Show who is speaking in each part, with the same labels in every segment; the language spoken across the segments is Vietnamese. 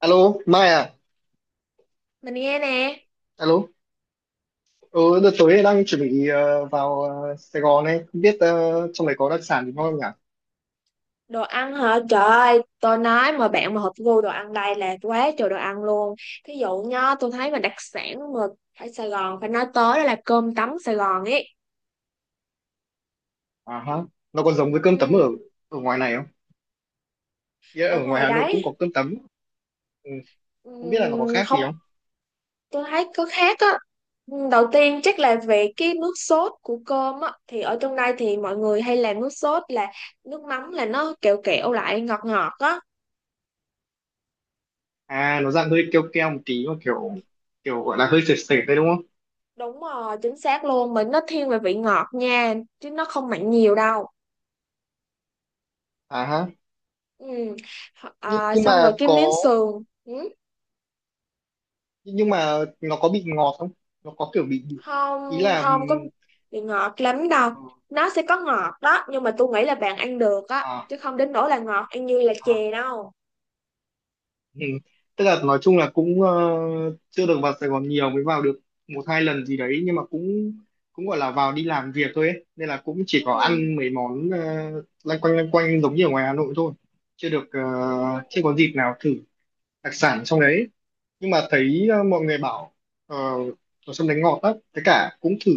Speaker 1: Alo, Mai à?
Speaker 2: Mình nghe nè.
Speaker 1: Alo. Ừ, đợt tối đang chuẩn bị vào Sài Gòn ấy, không biết trong này có đặc sản gì ngon không nhỉ?
Speaker 2: Đồ ăn hả? Trời ơi, tôi nói mà bạn mà hợp gu đồ ăn đây là quá trời đồ ăn luôn. Thí dụ nhá, tôi thấy mà đặc sản mà ở Sài Gòn phải nói tới đó là cơm tấm Sài Gòn ấy.
Speaker 1: À ha. Nó còn giống với cơm tấm ở
Speaker 2: Ừ,
Speaker 1: ở ngoài này không? Ý
Speaker 2: ở
Speaker 1: ở ngoài
Speaker 2: ngoài
Speaker 1: Hà Nội cũng
Speaker 2: đấy,
Speaker 1: có cơm tấm. Ừ,
Speaker 2: ừ,
Speaker 1: không biết là nó có khác
Speaker 2: không,
Speaker 1: gì không?
Speaker 2: tôi thấy có khác á. Đầu tiên chắc là về cái nước sốt của cơm á, thì ở trong đây thì mọi người hay làm nước sốt là nước mắm, là nó kẹo kẹo lại, ngọt ngọt á.
Speaker 1: À, nó dạng hơi keo keo một tí mà kiểu kiểu gọi là hơi sệt sệt đấy đúng không?
Speaker 2: Đúng rồi, chính xác luôn, mình nó thiên về vị ngọt nha, chứ nó không mặn nhiều đâu.
Speaker 1: À ha.
Speaker 2: Ừ.
Speaker 1: Nhưng
Speaker 2: À,
Speaker 1: nhưng
Speaker 2: xong rồi
Speaker 1: mà
Speaker 2: cái miếng
Speaker 1: có,
Speaker 2: sườn. Ừ.
Speaker 1: nhưng mà nó có bị ngọt không? Nó có kiểu bị, ý
Speaker 2: Không
Speaker 1: là,
Speaker 2: không có bị ngọt lắm đâu,
Speaker 1: ừ,
Speaker 2: nó sẽ có ngọt đó nhưng mà tôi nghĩ là bạn ăn được á,
Speaker 1: à,
Speaker 2: chứ không đến nỗi là ngọt ăn như là
Speaker 1: à.
Speaker 2: chè đâu.
Speaker 1: Ừ. Tức là nói chung là cũng chưa được vào Sài Gòn nhiều, mới vào được một hai lần gì đấy nhưng mà cũng cũng gọi là vào đi làm việc thôi ấy. Nên là cũng chỉ có
Speaker 2: Ừ.
Speaker 1: ăn mấy món lanh quanh giống như ở ngoài Hà Nội thôi, chưa được
Speaker 2: Ừ.
Speaker 1: chưa có dịp nào thử đặc sản trong đấy, nhưng mà thấy mọi người bảo ờ, ở trong đấy ngọt lắm, với cả cũng thử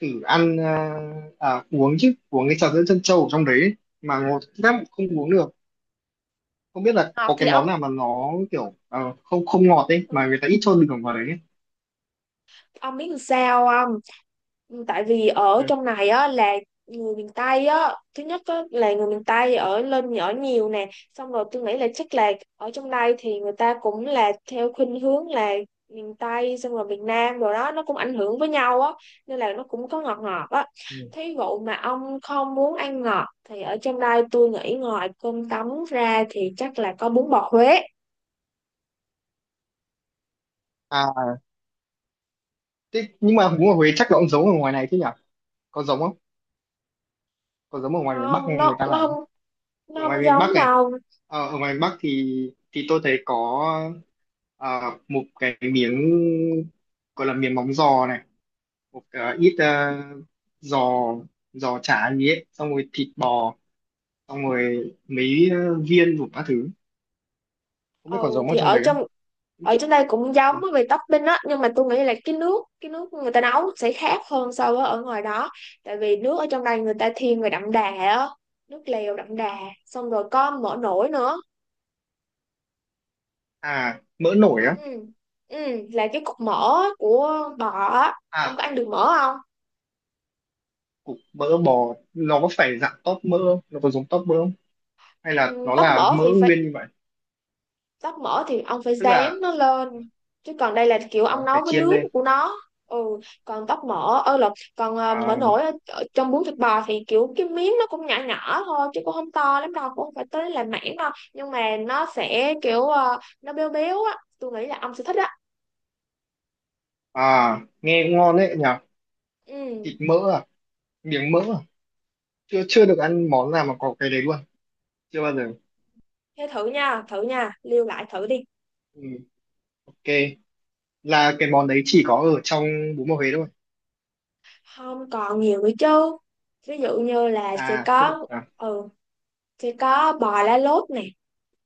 Speaker 1: thử ăn, uống chứ, uống cái trà sữa trân châu ở trong đấy ấy, mà ngọt lắm không uống được, không biết là
Speaker 2: Ngọt
Speaker 1: có
Speaker 2: thì
Speaker 1: cái món
Speaker 2: ông,
Speaker 1: nào mà nó kiểu không không ngọt ấy,
Speaker 2: ừ.
Speaker 1: mà người ta ít cho đường vào đấy ấy.
Speaker 2: Ông biết làm sao không? Ừ, tại vì ở
Speaker 1: Ừ.
Speaker 2: trong này á là người miền Tây á, thứ nhất á, là người miền Tây ở lên ở nhiều nè, xong rồi tôi nghĩ là chắc là ở trong đây thì người ta cũng là theo khuynh hướng là miền Tây, xong rồi miền Nam rồi đó, nó cũng ảnh hưởng với nhau á, nên là nó cũng có ngọt ngọt á.
Speaker 1: Ừ.
Speaker 2: Thí dụ mà ông không muốn ăn ngọt thì ở trong đây tôi nghĩ ngoài cơm tấm ra thì chắc là có bún bò Huế.
Speaker 1: À, thế nhưng mà bún ở Huế chắc là cũng giống ở ngoài này chứ nhỉ, có giống không, có giống ở ngoài miền Bắc
Speaker 2: Không,
Speaker 1: hay người
Speaker 2: nó
Speaker 1: ta
Speaker 2: nó
Speaker 1: làm
Speaker 2: không,
Speaker 1: ở
Speaker 2: nó
Speaker 1: ngoài
Speaker 2: không
Speaker 1: miền Bắc
Speaker 2: giống
Speaker 1: này,
Speaker 2: đâu.
Speaker 1: ở ngoài miền Bắc thì tôi thấy có ờ, một cái miếng gọi là miếng móng giò này, một ít giò, giò chả gì ấy xong rồi thịt bò, xong rồi mấy viên đủ các thứ, không biết còn
Speaker 2: Ừ
Speaker 1: giống ở
Speaker 2: thì
Speaker 1: trong
Speaker 2: ở
Speaker 1: đấy không.
Speaker 2: trong ở trên đây cũng giống á
Speaker 1: Ừ.
Speaker 2: về topping á, nhưng mà tôi nghĩ là cái nước người ta nấu sẽ khác hơn so với ở ngoài đó. Tại vì nước ở trong đây người ta thiên về đậm đà á, nước lèo đậm đà, xong rồi có mỡ nổi nữa.
Speaker 1: À mỡ nổi á.
Speaker 2: Ừ. Ừ, là cái cục mỡ của bò á, ông
Speaker 1: À,
Speaker 2: có ăn được mỡ không?
Speaker 1: cục mỡ bò nó có phải dạng tóp mỡ không? Nó có giống tóp mỡ không hay
Speaker 2: Ừ,
Speaker 1: là nó
Speaker 2: tóp
Speaker 1: là
Speaker 2: mỡ
Speaker 1: mỡ
Speaker 2: thì
Speaker 1: nguyên như vậy,
Speaker 2: tóc mỡ thì ông phải
Speaker 1: tức
Speaker 2: rán
Speaker 1: là
Speaker 2: nó lên, chứ còn đây là kiểu ông
Speaker 1: ờ, phải
Speaker 2: nấu với
Speaker 1: chiên
Speaker 2: nước
Speaker 1: lên.
Speaker 2: của nó. Ừ. còn tóc mỡ ơ là Còn
Speaker 1: À,
Speaker 2: mỡ nổi ở trong bún thịt bò thì kiểu cái miếng nó cũng nhỏ nhỏ thôi, chứ cũng không to lắm đâu, cũng không phải tới là mảng đâu, nhưng mà nó sẽ kiểu nó béo béo á, tôi nghĩ là ông sẽ thích á.
Speaker 1: à nghe cũng ngon đấy nhỉ, thịt
Speaker 2: Ừ.
Speaker 1: mỡ à, miếng mỡ à, chưa
Speaker 2: Ừ.
Speaker 1: chưa được ăn món nào mà có cái đấy luôn, chưa bao giờ.
Speaker 2: Thế thử nha, thử nha, lưu lại thử đi.
Speaker 1: Ừ, ok, là cái món đấy chỉ có ở trong bún bò Huế thôi
Speaker 2: Không, còn nhiều nữa chứ. Ví dụ như là
Speaker 1: à, tức là
Speaker 2: ừ sẽ có bò lá lốt nè.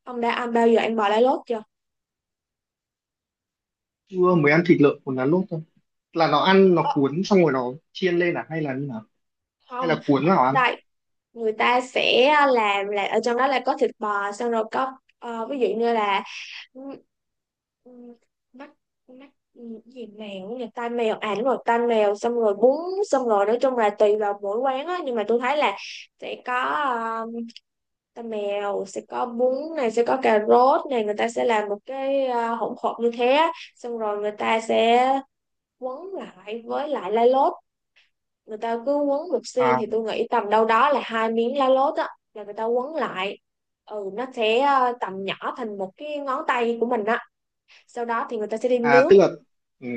Speaker 2: Ông đã ăn, bao giờ ăn bò lá lốt chưa?
Speaker 1: chưa, mới ăn thịt lợn cuốn lá lốt thôi, là nó ăn nó cuốn xong rồi nó chiên lên à hay là như nào, hay
Speaker 2: Không,
Speaker 1: là cuốn
Speaker 2: ở
Speaker 1: vào
Speaker 2: trong
Speaker 1: ăn.
Speaker 2: đây người ta sẽ làm là, ở trong đó là có thịt bò, xong rồi có ví dụ như là, ừ, ừ, mắt, mắt gì mèo nhỉ, tai mèo, à đúng rồi, tai mèo, xong rồi bún. Xong rồi nói chung là tùy vào mỗi quán á, nhưng mà tôi thấy là sẽ có tai mèo, sẽ có bún này, sẽ có cà rốt này, người ta sẽ làm một cái hỗn hợp như thế á. Xong rồi người ta sẽ quấn lại với lại lá lốt. Người ta cứ quấn một
Speaker 1: À,
Speaker 2: xiên thì tôi nghĩ tầm đâu đó là hai miếng lá lốt á, là người ta quấn lại. Ừ, nó sẽ tầm nhỏ thành một cái ngón tay của mình á, sau đó thì người ta sẽ đi
Speaker 1: à
Speaker 2: nướng.
Speaker 1: tức là, ừ.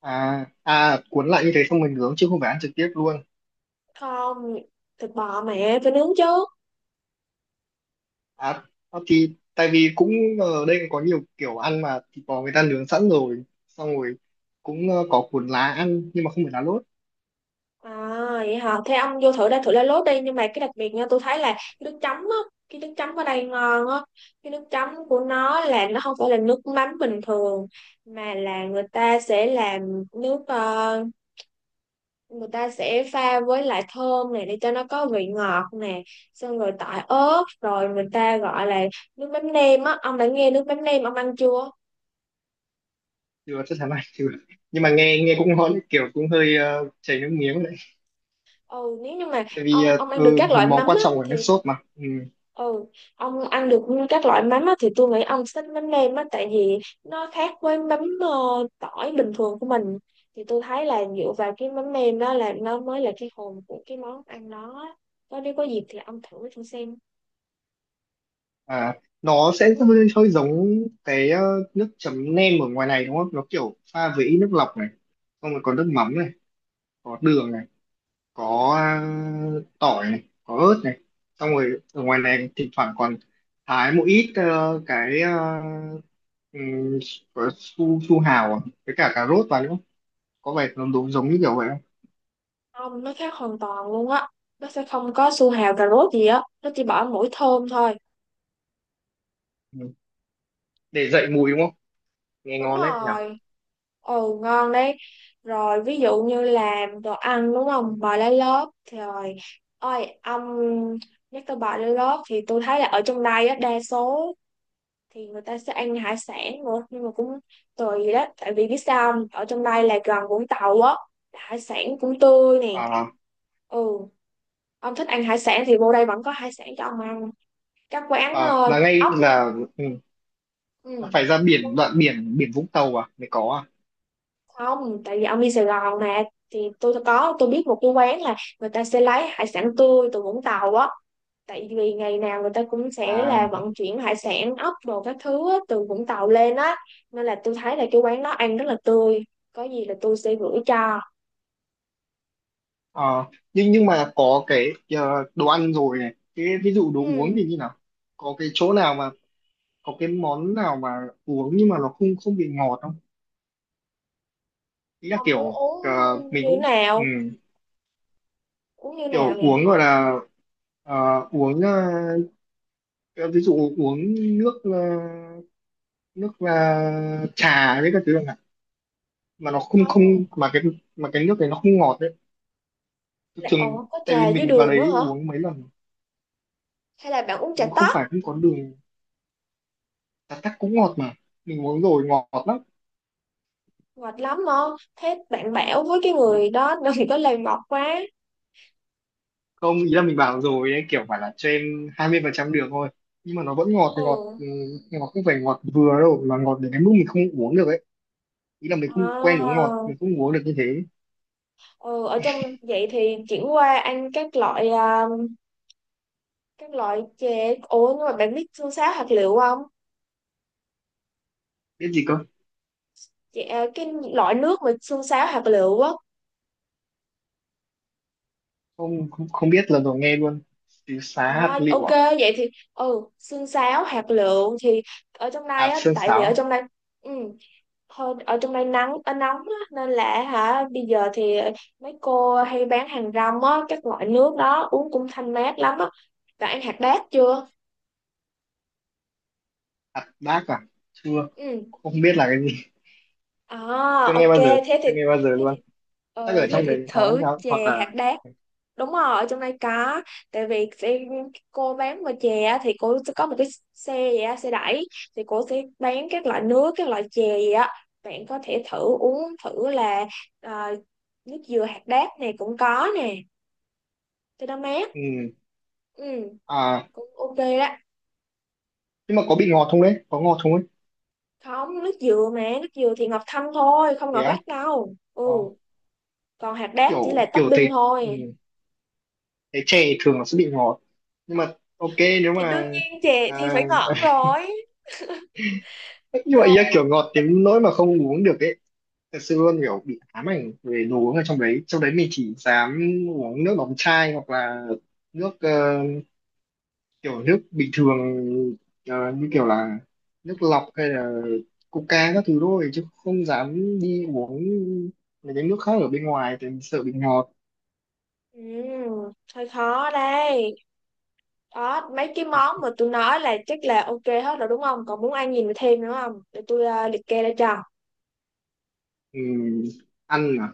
Speaker 1: À à cuốn lại như thế xong mình nướng chứ không phải ăn trực tiếp luôn.
Speaker 2: Không, thịt bò mẹ phải nướng chứ.
Speaker 1: À, à, thì tại vì cũng ở đây có nhiều kiểu ăn mà thịt bò người ta nướng sẵn rồi, xong rồi cũng có cuốn lá ăn nhưng mà không phải lá lốt.
Speaker 2: À vậy hả, thế ông vô thử đây, thử lá lốt đi, nhưng mà cái đặc biệt nha, tôi thấy là cái nước chấm á, cái nước chấm ở đây ngon á. Cái nước chấm của nó là nó không phải là nước mắm bình thường, mà là người ta sẽ làm nước người ta sẽ pha với lại thơm này để cho nó có vị ngọt nè, xong rồi tỏi ớt, rồi người ta gọi là nước mắm nêm á. Ông đã nghe nước mắm nêm, ông ăn chưa?
Speaker 1: Chưa chắc chắn này chưa. Nhưng mà nghe nghe cũng ngon, kiểu cũng hơi chảy nước miếng đấy.
Speaker 2: Ừ, nếu như mà
Speaker 1: Tại vì
Speaker 2: ông ông ăn được các
Speaker 1: một
Speaker 2: loại
Speaker 1: món
Speaker 2: mắm
Speaker 1: quan
Speaker 2: á
Speaker 1: trọng của nước
Speaker 2: thì,
Speaker 1: sốt mà. Ừ.
Speaker 2: ừ, ông ăn được các loại mắm á thì tôi nghĩ ông thích mắm nêm á, tại vì nó khác với mắm tỏi bình thường của mình. Thì tôi thấy là dựa vào cái mắm nêm đó, là nó mới là cái hồn của cái món ăn đó. Có, nếu có dịp thì ông thử thử xem.
Speaker 1: À nó sẽ
Speaker 2: Ừ.
Speaker 1: hơi giống cái nước chấm nem ở ngoài này đúng không? Nó kiểu pha với ít nước lọc này, xong rồi có nước mắm này, có đường này, có à, tỏi này, có ớt này, xong rồi ở ngoài này thỉnh thoảng còn thái một ít ờ, cái um, su su hào à, với cả cà rốt vào nữa, có vẻ nó đúng giống như kiểu vậy không.
Speaker 2: Không, nó khác hoàn toàn luôn á. Nó sẽ không có su hào cà rốt gì á. Nó chỉ bỏ mỗi thơm thôi.
Speaker 1: Ừ. Để dậy mùi đúng không, nghe
Speaker 2: Đúng
Speaker 1: ngon đấy nhỉ.
Speaker 2: rồi. Ồ, ngon đấy. Rồi, ví dụ như làm đồ ăn, đúng không? Bò lá lốt. Thì rồi, ôi, ông nhắc tới bò lá lốt thì tôi thấy là ở trong đây á, đa số thì người ta sẽ ăn hải sản nữa. Nhưng mà cũng tùy đó. Tại vì biết sao không? Ở trong đây là gần Vũng Tàu á. Hải sản cũng tươi nè.
Speaker 1: À,
Speaker 2: Ừ, ông thích ăn hải sản thì vô đây vẫn có hải sản cho ông ăn. Các quán
Speaker 1: à, là ngay
Speaker 2: ốc.
Speaker 1: là, ừ, là
Speaker 2: Ừ.
Speaker 1: phải ra biển đoạn biển biển Vũng Tàu à mới có.
Speaker 2: Không, tại vì ông đi Sài Gòn nè, thì tôi biết một cái quán là người ta sẽ lấy hải sản tươi từ Vũng Tàu á, tại vì ngày nào người ta cũng sẽ
Speaker 1: À, à,
Speaker 2: là vận chuyển hải sản, ốc đồ các thứ á, từ Vũng Tàu lên á, nên là tôi thấy là cái quán đó ăn rất là tươi, có gì là tôi sẽ gửi cho.
Speaker 1: ờ, nhưng mà có cái đồ ăn rồi này, cái ví dụ đồ uống
Speaker 2: Ừ.
Speaker 1: thì như nào, có cái chỗ nào mà có cái món nào mà uống nhưng mà nó không không bị ngọt không, ý là
Speaker 2: Ông muốn
Speaker 1: kiểu
Speaker 2: uống
Speaker 1: mình
Speaker 2: như
Speaker 1: cũng, ừ,
Speaker 2: nào, uống như
Speaker 1: kiểu
Speaker 2: nào nè?
Speaker 1: uống gọi là ờ, uống ờ, ví dụ uống nước nước trà với các thứ chẳng hạn, mà nó không không
Speaker 2: Không,
Speaker 1: mà cái mà cái nước này nó không ngọt đấy,
Speaker 2: là
Speaker 1: thường
Speaker 2: ồ, có
Speaker 1: tại vì
Speaker 2: trà dưới
Speaker 1: mình vào
Speaker 2: đường nữa
Speaker 1: đấy
Speaker 2: hả,
Speaker 1: uống mấy lần
Speaker 2: hay là bạn uống trà
Speaker 1: không
Speaker 2: tóc?
Speaker 1: phải không có đường, trà tắc cũng ngọt mà, mình uống rồi ngọt lắm,
Speaker 2: Mệt lắm không? Thế bạn bảo với cái người đó đừng có làm ngọt quá.
Speaker 1: không ý là mình bảo rồi đấy kiểu phải là cho em 20% đường thôi, nhưng mà nó vẫn ngọt ngọt,
Speaker 2: Ừ.
Speaker 1: ừ, ngọt không phải ngọt vừa đâu mà ngọt đến cái mức mình không uống được ấy, ý là mình không quen uống
Speaker 2: À,
Speaker 1: ngọt, mình không uống được như thế.
Speaker 2: ừ, ở trong vậy thì chuyển qua ăn các loại chè. Ủa nhưng mà bạn biết xương sáo hạt lựu không?
Speaker 1: Biết gì cơ?
Speaker 2: Chè, à, cái loại nước mà xương sáo hạt lựu á.
Speaker 1: Không không, không biết, lần đầu nghe luôn, xíu xá hạt
Speaker 2: À,
Speaker 1: lựu
Speaker 2: ok,
Speaker 1: à,
Speaker 2: vậy thì, xương sáo hạt lựu thì ở trong đây
Speaker 1: hạt
Speaker 2: á,
Speaker 1: sơn
Speaker 2: tại vì ở
Speaker 1: sáo,
Speaker 2: trong đây, ừ, thôi, ở trong đây nắng nóng á, nên là hả, bây giờ thì mấy cô hay bán hàng rong á, các loại nước đó uống cũng thanh mát lắm á. Bạn ăn hạt đác chưa?
Speaker 1: hạt đác à, chưa,
Speaker 2: Ừ.
Speaker 1: không biết là cái gì,
Speaker 2: À,
Speaker 1: chưa nghe
Speaker 2: ok,
Speaker 1: bao giờ, chưa nghe bao giờ
Speaker 2: thế
Speaker 1: luôn,
Speaker 2: thì
Speaker 1: chắc
Speaker 2: ừ,
Speaker 1: ở
Speaker 2: thế
Speaker 1: trong
Speaker 2: thì
Speaker 1: đấy có hay
Speaker 2: thử
Speaker 1: sao hoặc
Speaker 2: chè
Speaker 1: là.
Speaker 2: hạt đác. Đúng rồi, ở trong đây có. Tại vì cô bán về chè á, thì cô sẽ có một cái xe vậy á, xe đẩy, thì cô sẽ bán các loại nước, các loại chè gì á. Bạn có thể thử uống thử là ờ, nước dừa hạt đác này cũng có nè, thì nó mát.
Speaker 1: Ừ.
Speaker 2: Ừ.
Speaker 1: À
Speaker 2: Cũng ok đó.
Speaker 1: nhưng mà có bị ngọt không đấy, có ngọt không ấy.
Speaker 2: Không, nước dừa thì ngọt thanh thôi, không
Speaker 1: Thế
Speaker 2: ngọt
Speaker 1: á?
Speaker 2: gắt đâu. Ừ,
Speaker 1: Có.
Speaker 2: còn hạt đác chỉ
Speaker 1: Kiểu
Speaker 2: là
Speaker 1: kiểu thấy,
Speaker 2: topping
Speaker 1: ừ,
Speaker 2: thôi.
Speaker 1: thấy chè thường nó sẽ bị ngọt nhưng mà ok, nếu
Speaker 2: Thì đương
Speaker 1: mà
Speaker 2: nhiên chè thì phải
Speaker 1: à,
Speaker 2: ngọt rồi.
Speaker 1: như vậy á,
Speaker 2: Trời.
Speaker 1: kiểu ngọt đến nỗi mà không uống được ấy, thật sự luôn, kiểu bị ám ảnh về đồ uống ở trong đấy, trong đấy mình chỉ dám uống nước đóng chai hoặc là nước kiểu nước bình thường, như kiểu là nước lọc hay là Coca các thứ thôi, chứ không dám đi uống mấy cái nước khác ở bên ngoài thì mình sợ bị ngọt.
Speaker 2: Ừ, hơi khó đây. Đó, mấy cái món mà tôi nói là chắc là ok hết rồi đúng không, còn muốn ăn gì mà thêm nữa không để tôi liệt kê ra cho.
Speaker 1: Ừ, ăn à,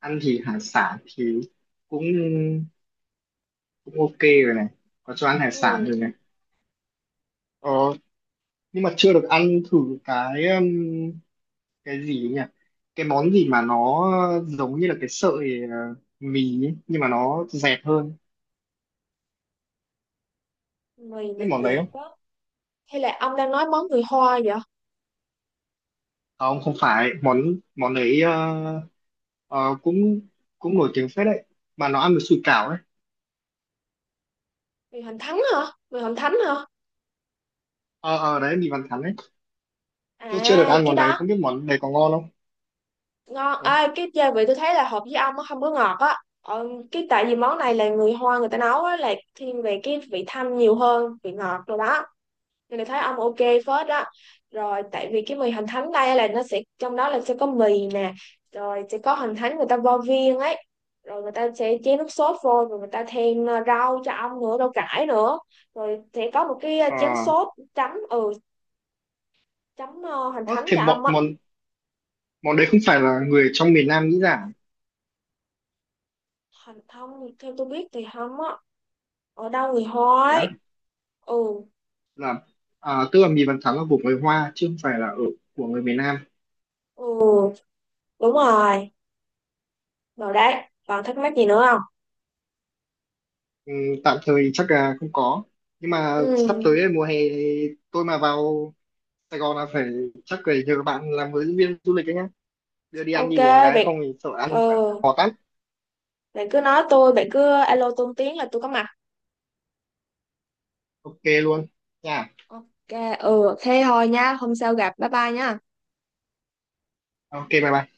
Speaker 1: ăn thì hải sản thì cũng cũng ok rồi này, có cho ăn hải sản
Speaker 2: Ừ.
Speaker 1: rồi này. Ờ, nhưng mà chưa được ăn thử cái um, cái gì nhỉ? Cái món gì mà nó giống như là cái sợi mì ấy, nhưng mà nó dẹt hơn.
Speaker 2: Mì mà
Speaker 1: Biết món
Speaker 2: chè
Speaker 1: đấy không?
Speaker 2: quá, hay là ông đang nói món người Hoa vậy?
Speaker 1: Không, không phải. Món món đấy cũng cũng nổi tiếng phết đấy. Mà nó ăn với sủi cảo ấy.
Speaker 2: Mì hoành thánh hả? Mì hoành thánh hả?
Speaker 1: Ờ, ờ đấy, mì Văn Thắn ấy. Tôi chưa được
Speaker 2: À,
Speaker 1: ăn
Speaker 2: cái
Speaker 1: món đấy,
Speaker 2: đó
Speaker 1: không biết món đấy có ngon không?
Speaker 2: ngon
Speaker 1: Ờ,
Speaker 2: à, cái gia vị tôi thấy là hợp với ông, nó không có ngọt á, cái tại vì món này là người Hoa người ta nấu á, là thiên về cái vị thanh nhiều hơn vị ngọt rồi đó, nên là thấy ông ok phết đó. Rồi, tại vì cái mì hành thánh đây là nó sẽ, trong đó là sẽ có mì nè, rồi sẽ có hành thánh người ta vo viên ấy, rồi người ta sẽ chế nước sốt vô, rồi người ta thêm rau cho ông nữa, rau cải nữa, rồi sẽ có một cái
Speaker 1: ờ.
Speaker 2: chén sốt chấm. Ừ, hành
Speaker 1: Ơ,
Speaker 2: thánh
Speaker 1: thì
Speaker 2: cho
Speaker 1: món,
Speaker 2: ông á.
Speaker 1: món, món
Speaker 2: Ừ,
Speaker 1: đấy không phải là người trong miền Nam nghĩ ra. À?
Speaker 2: hành thông theo tôi biết thì không á. Ở đâu người
Speaker 1: Thế
Speaker 2: hói.
Speaker 1: á?
Speaker 2: Ừ.
Speaker 1: Là, à, tức là mì Văn Thắn là của người Hoa, chứ không phải là ở của người miền Nam.
Speaker 2: Ừ đúng rồi. Rồi đấy, còn thắc mắc gì nữa không?
Speaker 1: Ừ, tạm thời chắc là không có, nhưng mà sắp tới
Speaker 2: Ừ.
Speaker 1: đây, mùa hè thì tôi mà vào Sài Gòn là phải, chắc phải nhờ bạn làm hướng dẫn viên du lịch đấy nhá, đưa đi ăn
Speaker 2: Ok.
Speaker 1: đi uống cái
Speaker 2: Bạn,
Speaker 1: không thì sợ
Speaker 2: ừ,
Speaker 1: ăn phải khó tắt,
Speaker 2: bạn cứ alo tôi một tiếng là tôi có mặt.
Speaker 1: ok luôn nha,
Speaker 2: Ok. Ừ, thế thôi nha, hôm sau gặp, bye bye nha.
Speaker 1: ok bye bye.